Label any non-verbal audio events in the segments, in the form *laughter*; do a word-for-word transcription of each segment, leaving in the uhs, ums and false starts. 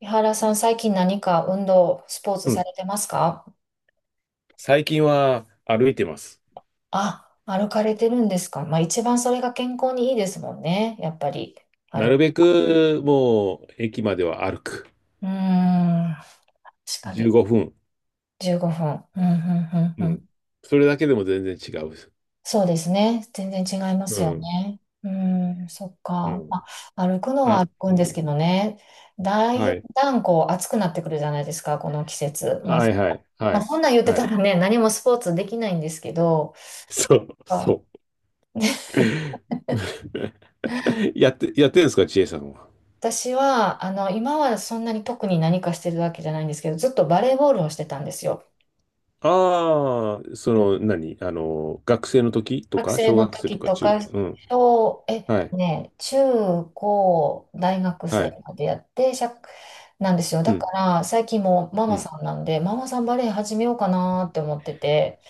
井原さん、最近何か運動、スポーツうさん。れてますか？最近は歩いてます。あ、歩かれてるんですか？まあ一番それが健康にいいですもんね。やっぱり、あなるる。べくもう駅までは歩く。うーん、確か15に。分。じゅうごふん。うん、うん、うん、ううん。ん。それだけでも全然違う。そうですね。全然違いまうすよん。ね。うーん、そっうか。ん。まあ、歩くのあ、は歩くうんですん。けどね。だはいい。だんこう暑くなってくるじゃないですか、この季節。まあ、はいはい。はまあ、い。そんなん言ってはたい。らね、何もスポーツできないんですけど、そう。あ そ *laughs* う。*laughs* やって、やってるんですか、ちえさんは？私は、あの、今はそんなに特に何かしてるわけじゃないんですけど、ずっとバレーボールをしてたんですよ。ああ、その、何あの、学生の時と学か、生小の学生と時かと中、か、うん。小、えっはとい。ね、中高大学は生い。までやって、しゃ、なんですよ。うだかん。ら、最近もマうマん。さんなんで、ママさんバレー始めようかなって思ってて、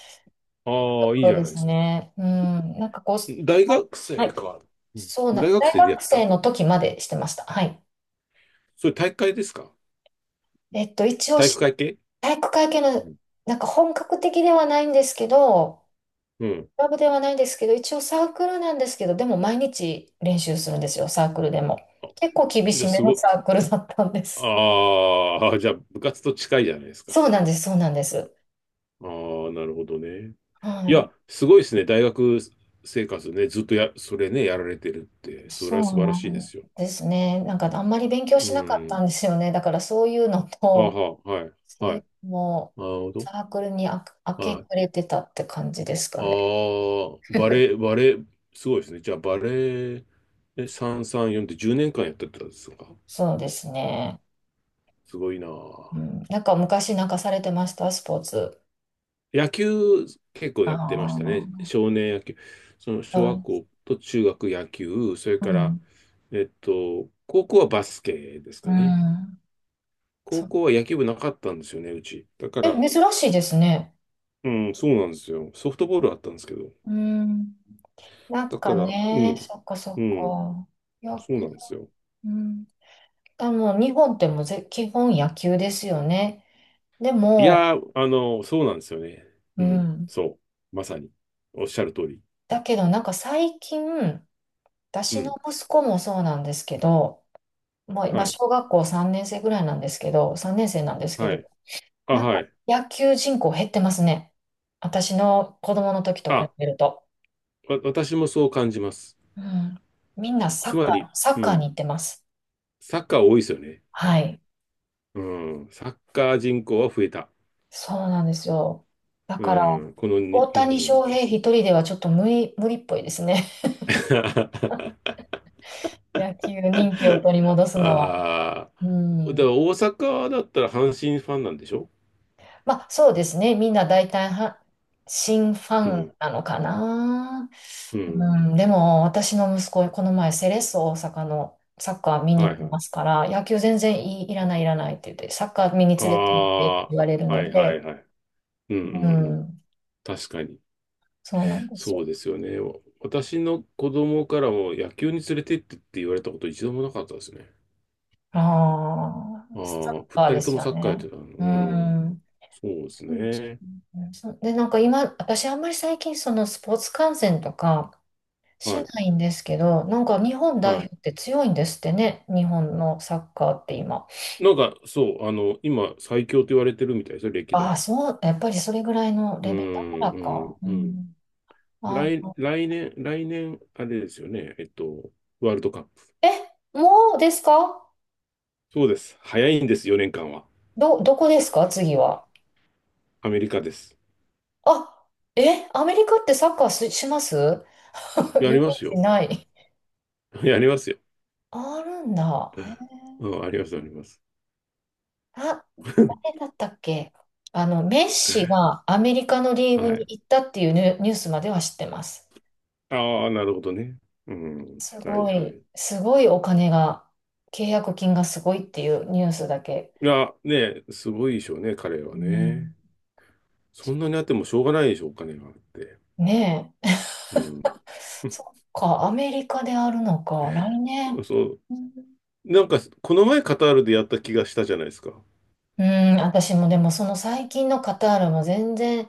とああ、いこいろじゃでないですす。ね。うん、なんかこう、大学は生い、か。うん、そうな、大学大生でやっ学てた。生の時までしてました。はい。それ、体育会ですか？えっと、一応体育し、会系。体育会系うの、ん。なんか本格的ではないんですけど、うん。クラブではないんですけど、一応サークルなんですけど、でも毎日練習するんですよ、サークルでも。あ、結構厳じゃしあ、めすごのい。サークルだったんです。ああ、じゃあ、部活と近いじゃないですか。そうなんです、そうなんです。ああ、なるほどね。はいい。や、すごいですね。大学生活ね、ずっとや、それね、やられてるって、それそはう素晴らなしいでんすよ。ですね。なんかあんまり勉強うしなかったん。んですよね。だからそういうのあと、は、はい、そうはいうい。のも、なるほど。サークルにあ明けはい。暮れてたって感じですあかね。あ、バ *laughs* レー、バレー、すごいですね。じゃあ、バレー、え、さんさんよんってじゅうねんかんやってたんですか？そうですね。すごいなぁ。うん、なんか昔なんかされてました、スポーツ。野球、結構あやってましたね。あ、少年野球。その小は学い。校と中学野球、それうから、ん、えっと、高校はバスケですうかね。ん、そ高う。校は野球部なかったんですよね、うち。だかえ、ら、珍しいですね。うん、そうなんですよ。ソフトボールあったんですけど。うん、なだんかから、うね、ん、そっかそっうん、か。野そう球、なんですよ。うん。あ、もう日本ってもうぜ基本野球ですよね。でいも、やー、あの、そうなんですよね。ううん、ん。そう。まさに。おっしゃる通り。だけどなんか最近、う私のん、息子もそうなんですけど、もうは今い、小学校さん生ぐらいなんですけど、さん生なんですけはど、い。あ、なんはかい。野球人口減ってますね。私の子供の時と比あ、べると。わ、私もそう感じます。うん。みんなサつッまカー、り、サッうカーにん、行ってます。サッカー多いですよね。はい。うん、サッカー人口は増えた。そうなんですよ。だうから、ん、この大に、う谷ん、翔平一人ではちょっと無理、無理っぽいですね。*laughs* *laughs* 野球人気を取り戻すのは。あうあ、だかん。ら大阪だったら阪神ファンなんでしょまあ、そうですね。みんな大体は、新フうァンん、なのかな。ううん、ん、でも、私の息子、この前、セレッソ大阪のサッカー見には行いきはまい。すから、野球全然いい、いらない、いらないって言って、サッカー見にあ連れて行ってってあ、言われるはのいはで、いはい。うんううんうん。ん、確かに。そうなんですそよ。うですよね。私の子供からも野球に連れてってって言われたこと一度もなかったですね。あああ、あ、サッ二カーで人とすもよサッカーやっね。てたの。ううん。ん。そうですそうですね。ね。そうで、なんか今、私あんまり最近、そのスポーツ観戦とか、しはい。ないんですけど、なんか日本代はい。表って強いんですってね、日本のサッカーって今。なんか、そう、あの、今、最強と言われてるみたいですよ、歴ああ、代。そう、やっぱりそれぐらいのうレベルだかん、らうか。ん、ううん。ん、あ来、の、来年、来年、あれですよね、えっと、ワールドカップ。え、もうですか？そうです。早いんです、よねんかんは。ど、どこですか次は。アメリカです。あ、え、アメリカってサッカーし、します *laughs* イやメーりますジよ。ない。*laughs* やりますよ。あるんだ。えうん、あります、あります。あ、誰だったっけ？あの、メッシがアメリカの *laughs* リーグはにい。行ったっていうニュニュースまでは知ってます。ああ、なるほどね。うん。すはいごはい、い。すごいお金が、契約金がすごいっていうニュースだけ。いや、ね、すごいでしょうね、彼はうね。ん。そんなにあってもしょうがないでしょう、お金があって。ねえ。うん。*laughs* そっか、アメリカであるのか、来年。そう、うんなんか、この前カタールでやった気がしたじゃないですか。うん、私もでもその最近のカタールも全然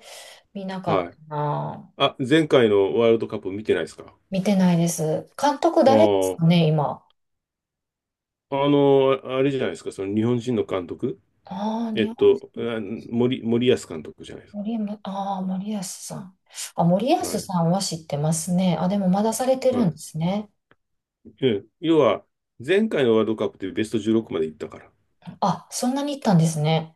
見なかっはい。たな。あ、前回のワールドカップ見てないですか？見てないです。監督あ誰ですかね、今。あ、あの、あれじゃないですか、その日本人の監督。ああ、えっ日本人。と、あ森、森保監督じゃないです森山、ああ、森保さん。あ、森保か。はい。さんは知ってますね。あ、でもまだされてるはんでい。すね。うん要は、前回のワールドカップでベストじゅうろくまで行ったから。あ、そんなに行ったんですね。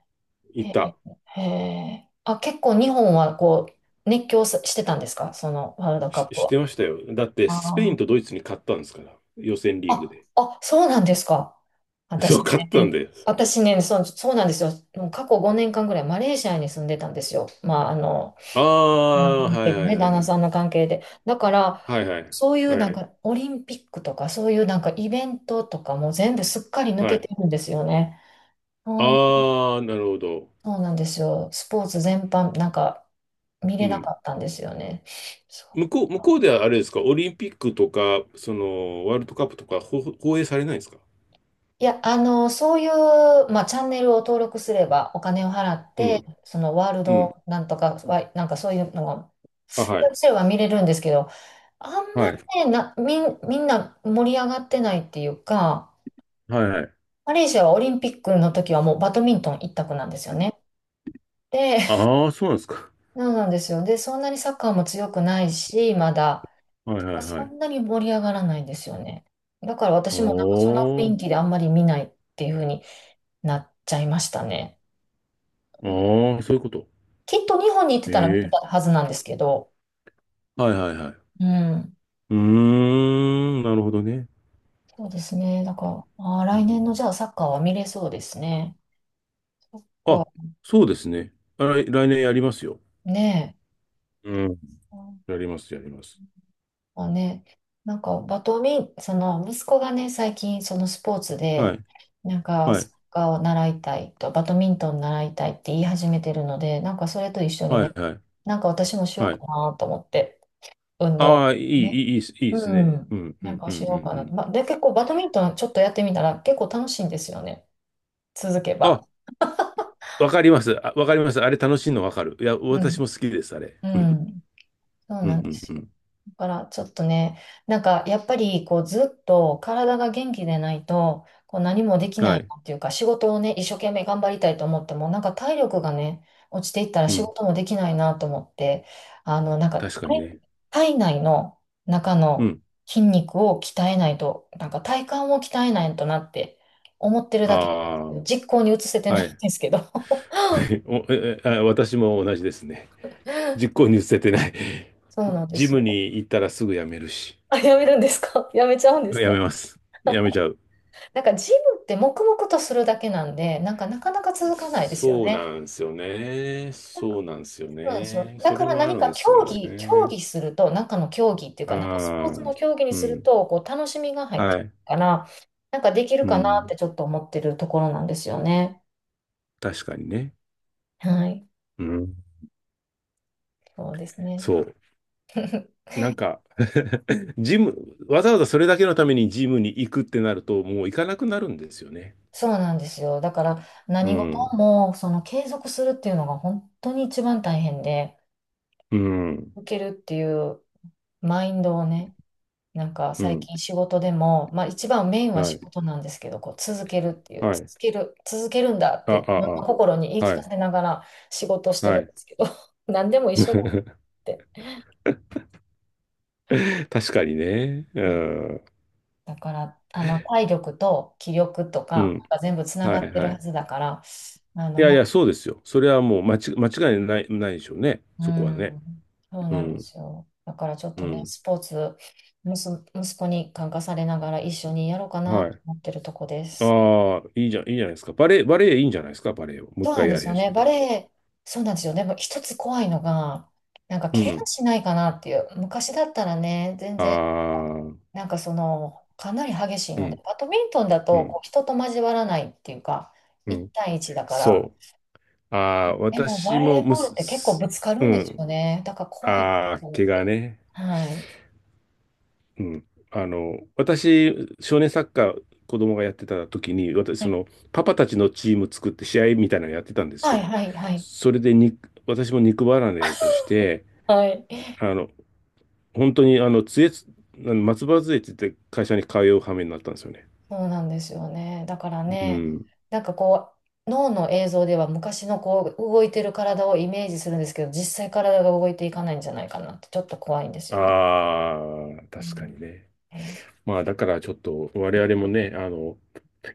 行へっえ、た。へえ。あ、結構日本はこう、熱狂さしてたんですか？そのワールドカし、ップしては。ましたよ。だって、スペイあンーとドイツに勝ったんですから。予選リーグあ、で。あ、そうなんですか。*laughs* そ私う、勝ったんね、ですよ。私ね、そう、そうなんですよ。もう過去ごねんかんぐらいマレーシアに住んでたんですよ。まあ、あの、ああのあ、関は係いではいね、は旦い那はい。さんの関係で。だから、はいはい。そういうなはんい。かオリンピックとか、そういうなんかイベントとかも全部すっかり抜はけい。てるんですよね。ああ、なるほど。そうなんですよ。スポーツ全般、なんか、見うれなん。かったんですよね。そう向こう、向こうではあれですか、オリンピックとか、その、ワールドカップとか、ほ放映されないんですか？いや、あの、そういう、まあ、チャンネルを登録すれば、お金を払っうて、ん。そのワールうん。ドなんとか、わなんかそういうのが、あ、はやすい。れば見れるんですけど、あんまはい。りね、な、みん、みんな盛り上がってないっていうか、はいはい。マレーシアはオリンピックの時はもうバドミントン一択なんですよね。で、*laughs* ああ、そうなんですか。そうなんですよ。で、そんなにサッカーも強くないし、まだ。はいはいはそい。んなに盛り上がらないんですよね。だから私もなんかその雰おー。囲気であんまり見ないっていう風になっちゃいましたね。うん、ああ、そういうこと。きっと日本に行ってえたら見てえ。たはずなんですけど。はいはいはい。うん。うーん、なるほどね。そうですね。だから、あー、う来年のん、じゃあサッカーは見れそうですね。そっか。あ、そうですね。あ、来来年やりますよ。ねうん。え。やります、やります。もうね、なんかバドミン、その息子がね、最近そのスポーツはで、い。なんかはサい。ッカーを習いたいと、バドミントン習いたいって言い始めてるので、なんかそれと一緒にはいね、はい。なんか私もしようはい。かなと思って、運動。ああ、いい、ね。いい、いいですいいでうすね。ん。うん、うなんん、かうん、しうん、ようかうなと。ん。まあ、で、結構バドミントンちょっとやってみたら結構楽しいんですよね。続けば。あ、わかります。あ、わかります。あれ楽しいのわかる。いや、う私ん。も好きです、あれ。うん。うん。そううなんでん、すうん、うよ。ん。だからちょっとね、なんかやっぱりこうずっと体が元気でないとこう何もできはないい。なっていうか仕事をね、一生懸命頑張りたいと思ってもなんか体力がね、落ちていったらう仕ん。事もできないなと思って、あのなんか確かに体ね。体内の中うのん。筋肉を鍛えないと、なんか体幹を鍛えないとなって思ってるだけ、あ実行に移せてあ、なはいんい。ですけど。*laughs* *laughs* お、え、えあ、私も同じですね。実行に移せてない。そうなん *laughs* でジすムよ。に行ったらすぐ辞めるし。あ、やめるんですか？ *laughs* やめちゃうんで辞すか？めます。辞めちゃう。なんかジムって黙々とするだけなんで、なんかなかなか続かなそいですよそうね。なんですよね。そうなんですよそうなんですよ。ね。だそかれらはあ何るんかで競すよ技、競ね。技すると、中の競技っていうあか、なんかスポーツあ、の競技にうするん。と、こう楽しみが入ってくはるい。から、なんかできるうかなっん。てちょっと思ってるところなんですよね。確かにね。はい。うん。そうですね。そう。*laughs* なんか *laughs* ジム、わざわざそれだけのためにジムに行くってなると、もう行かなくなるんですよね。そうなんですよ。だからう何事ん。もその継続するっていうのが本当に一番大変で、うん。受けるっていうマインドをね、なんかう最ん。近仕事でも、まあ一番メインはは仕い。事なんですけど、こう続けるっていう、は続い。ける、続けるんだっあ、て自あ、分のあ。心に言い聞はかい。せながら仕事してはるんでい。すけど、*laughs* 何でも一緒だっ *laughs* て。確かにね。ううん。ん。だから、あの、体力と気力とうか、ん。なんか全部つなはがっい、てるははい。ずだから、あいの、やいな、や、そうですよ。それはもう間違、間違いない、ないでしょうね。うそこはね。ん、そううなんでん。すよ。だからちょっうとね、ん。スポーツ、息息子に感化されながら一緒にやろうかなはとい。思ってるとこです。ああ、いいじゃん、いいじゃないですか。バレエ、バレエいいんじゃないですか、バレエを。もう一そうなん回でやすりよ始ね。めバたレら。エ、そうなんですよね。でも一つ怖いのが、なんかう怪我ん。しないかなっていう。昔だったらね、全あ然、あ、うん、なんかその、かなり激しいので、バうドミントンだとん、こう人と交わらないっていうか、ういちん。対いちだから、そう。ああ、でもバ私レーもむボールっす、て結構ぶすつかうるんですよん。ね。だから怖いああ、と思っ怪我て。ね。はい。うん。あの、私、少年サッカー、子供がやってた時に、私、はそい、の、パパたちのチーム作って試合みたいなのやってたんですはい、よ。はい、はい。それでに、私も肉離れを起こして、はい。あの、本当に、あの、杖つ、あの松葉杖つって会社に通う羽目になったんですよね。そうなんですよね。だからうね、ん。なんかこう、脳の映像では昔のこう、動いてる体をイメージするんですけど、実際体が動いていかないんじゃないかなって、ちょっと怖いんですよね。ああ、う確かん。にね。えーまあ、だからちょっと我々もね、あの、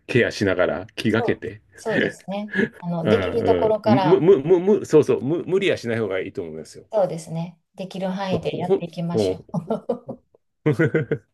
ケアしながら気がけそうて、そうですね。あの、うできるところんうかん、む、ら、む、む、む、そうそう、む、無理はしない方がいいと思いますよ。そうですね。できる範囲でほ、やってほ、いきましほ。 ょう。*laughs*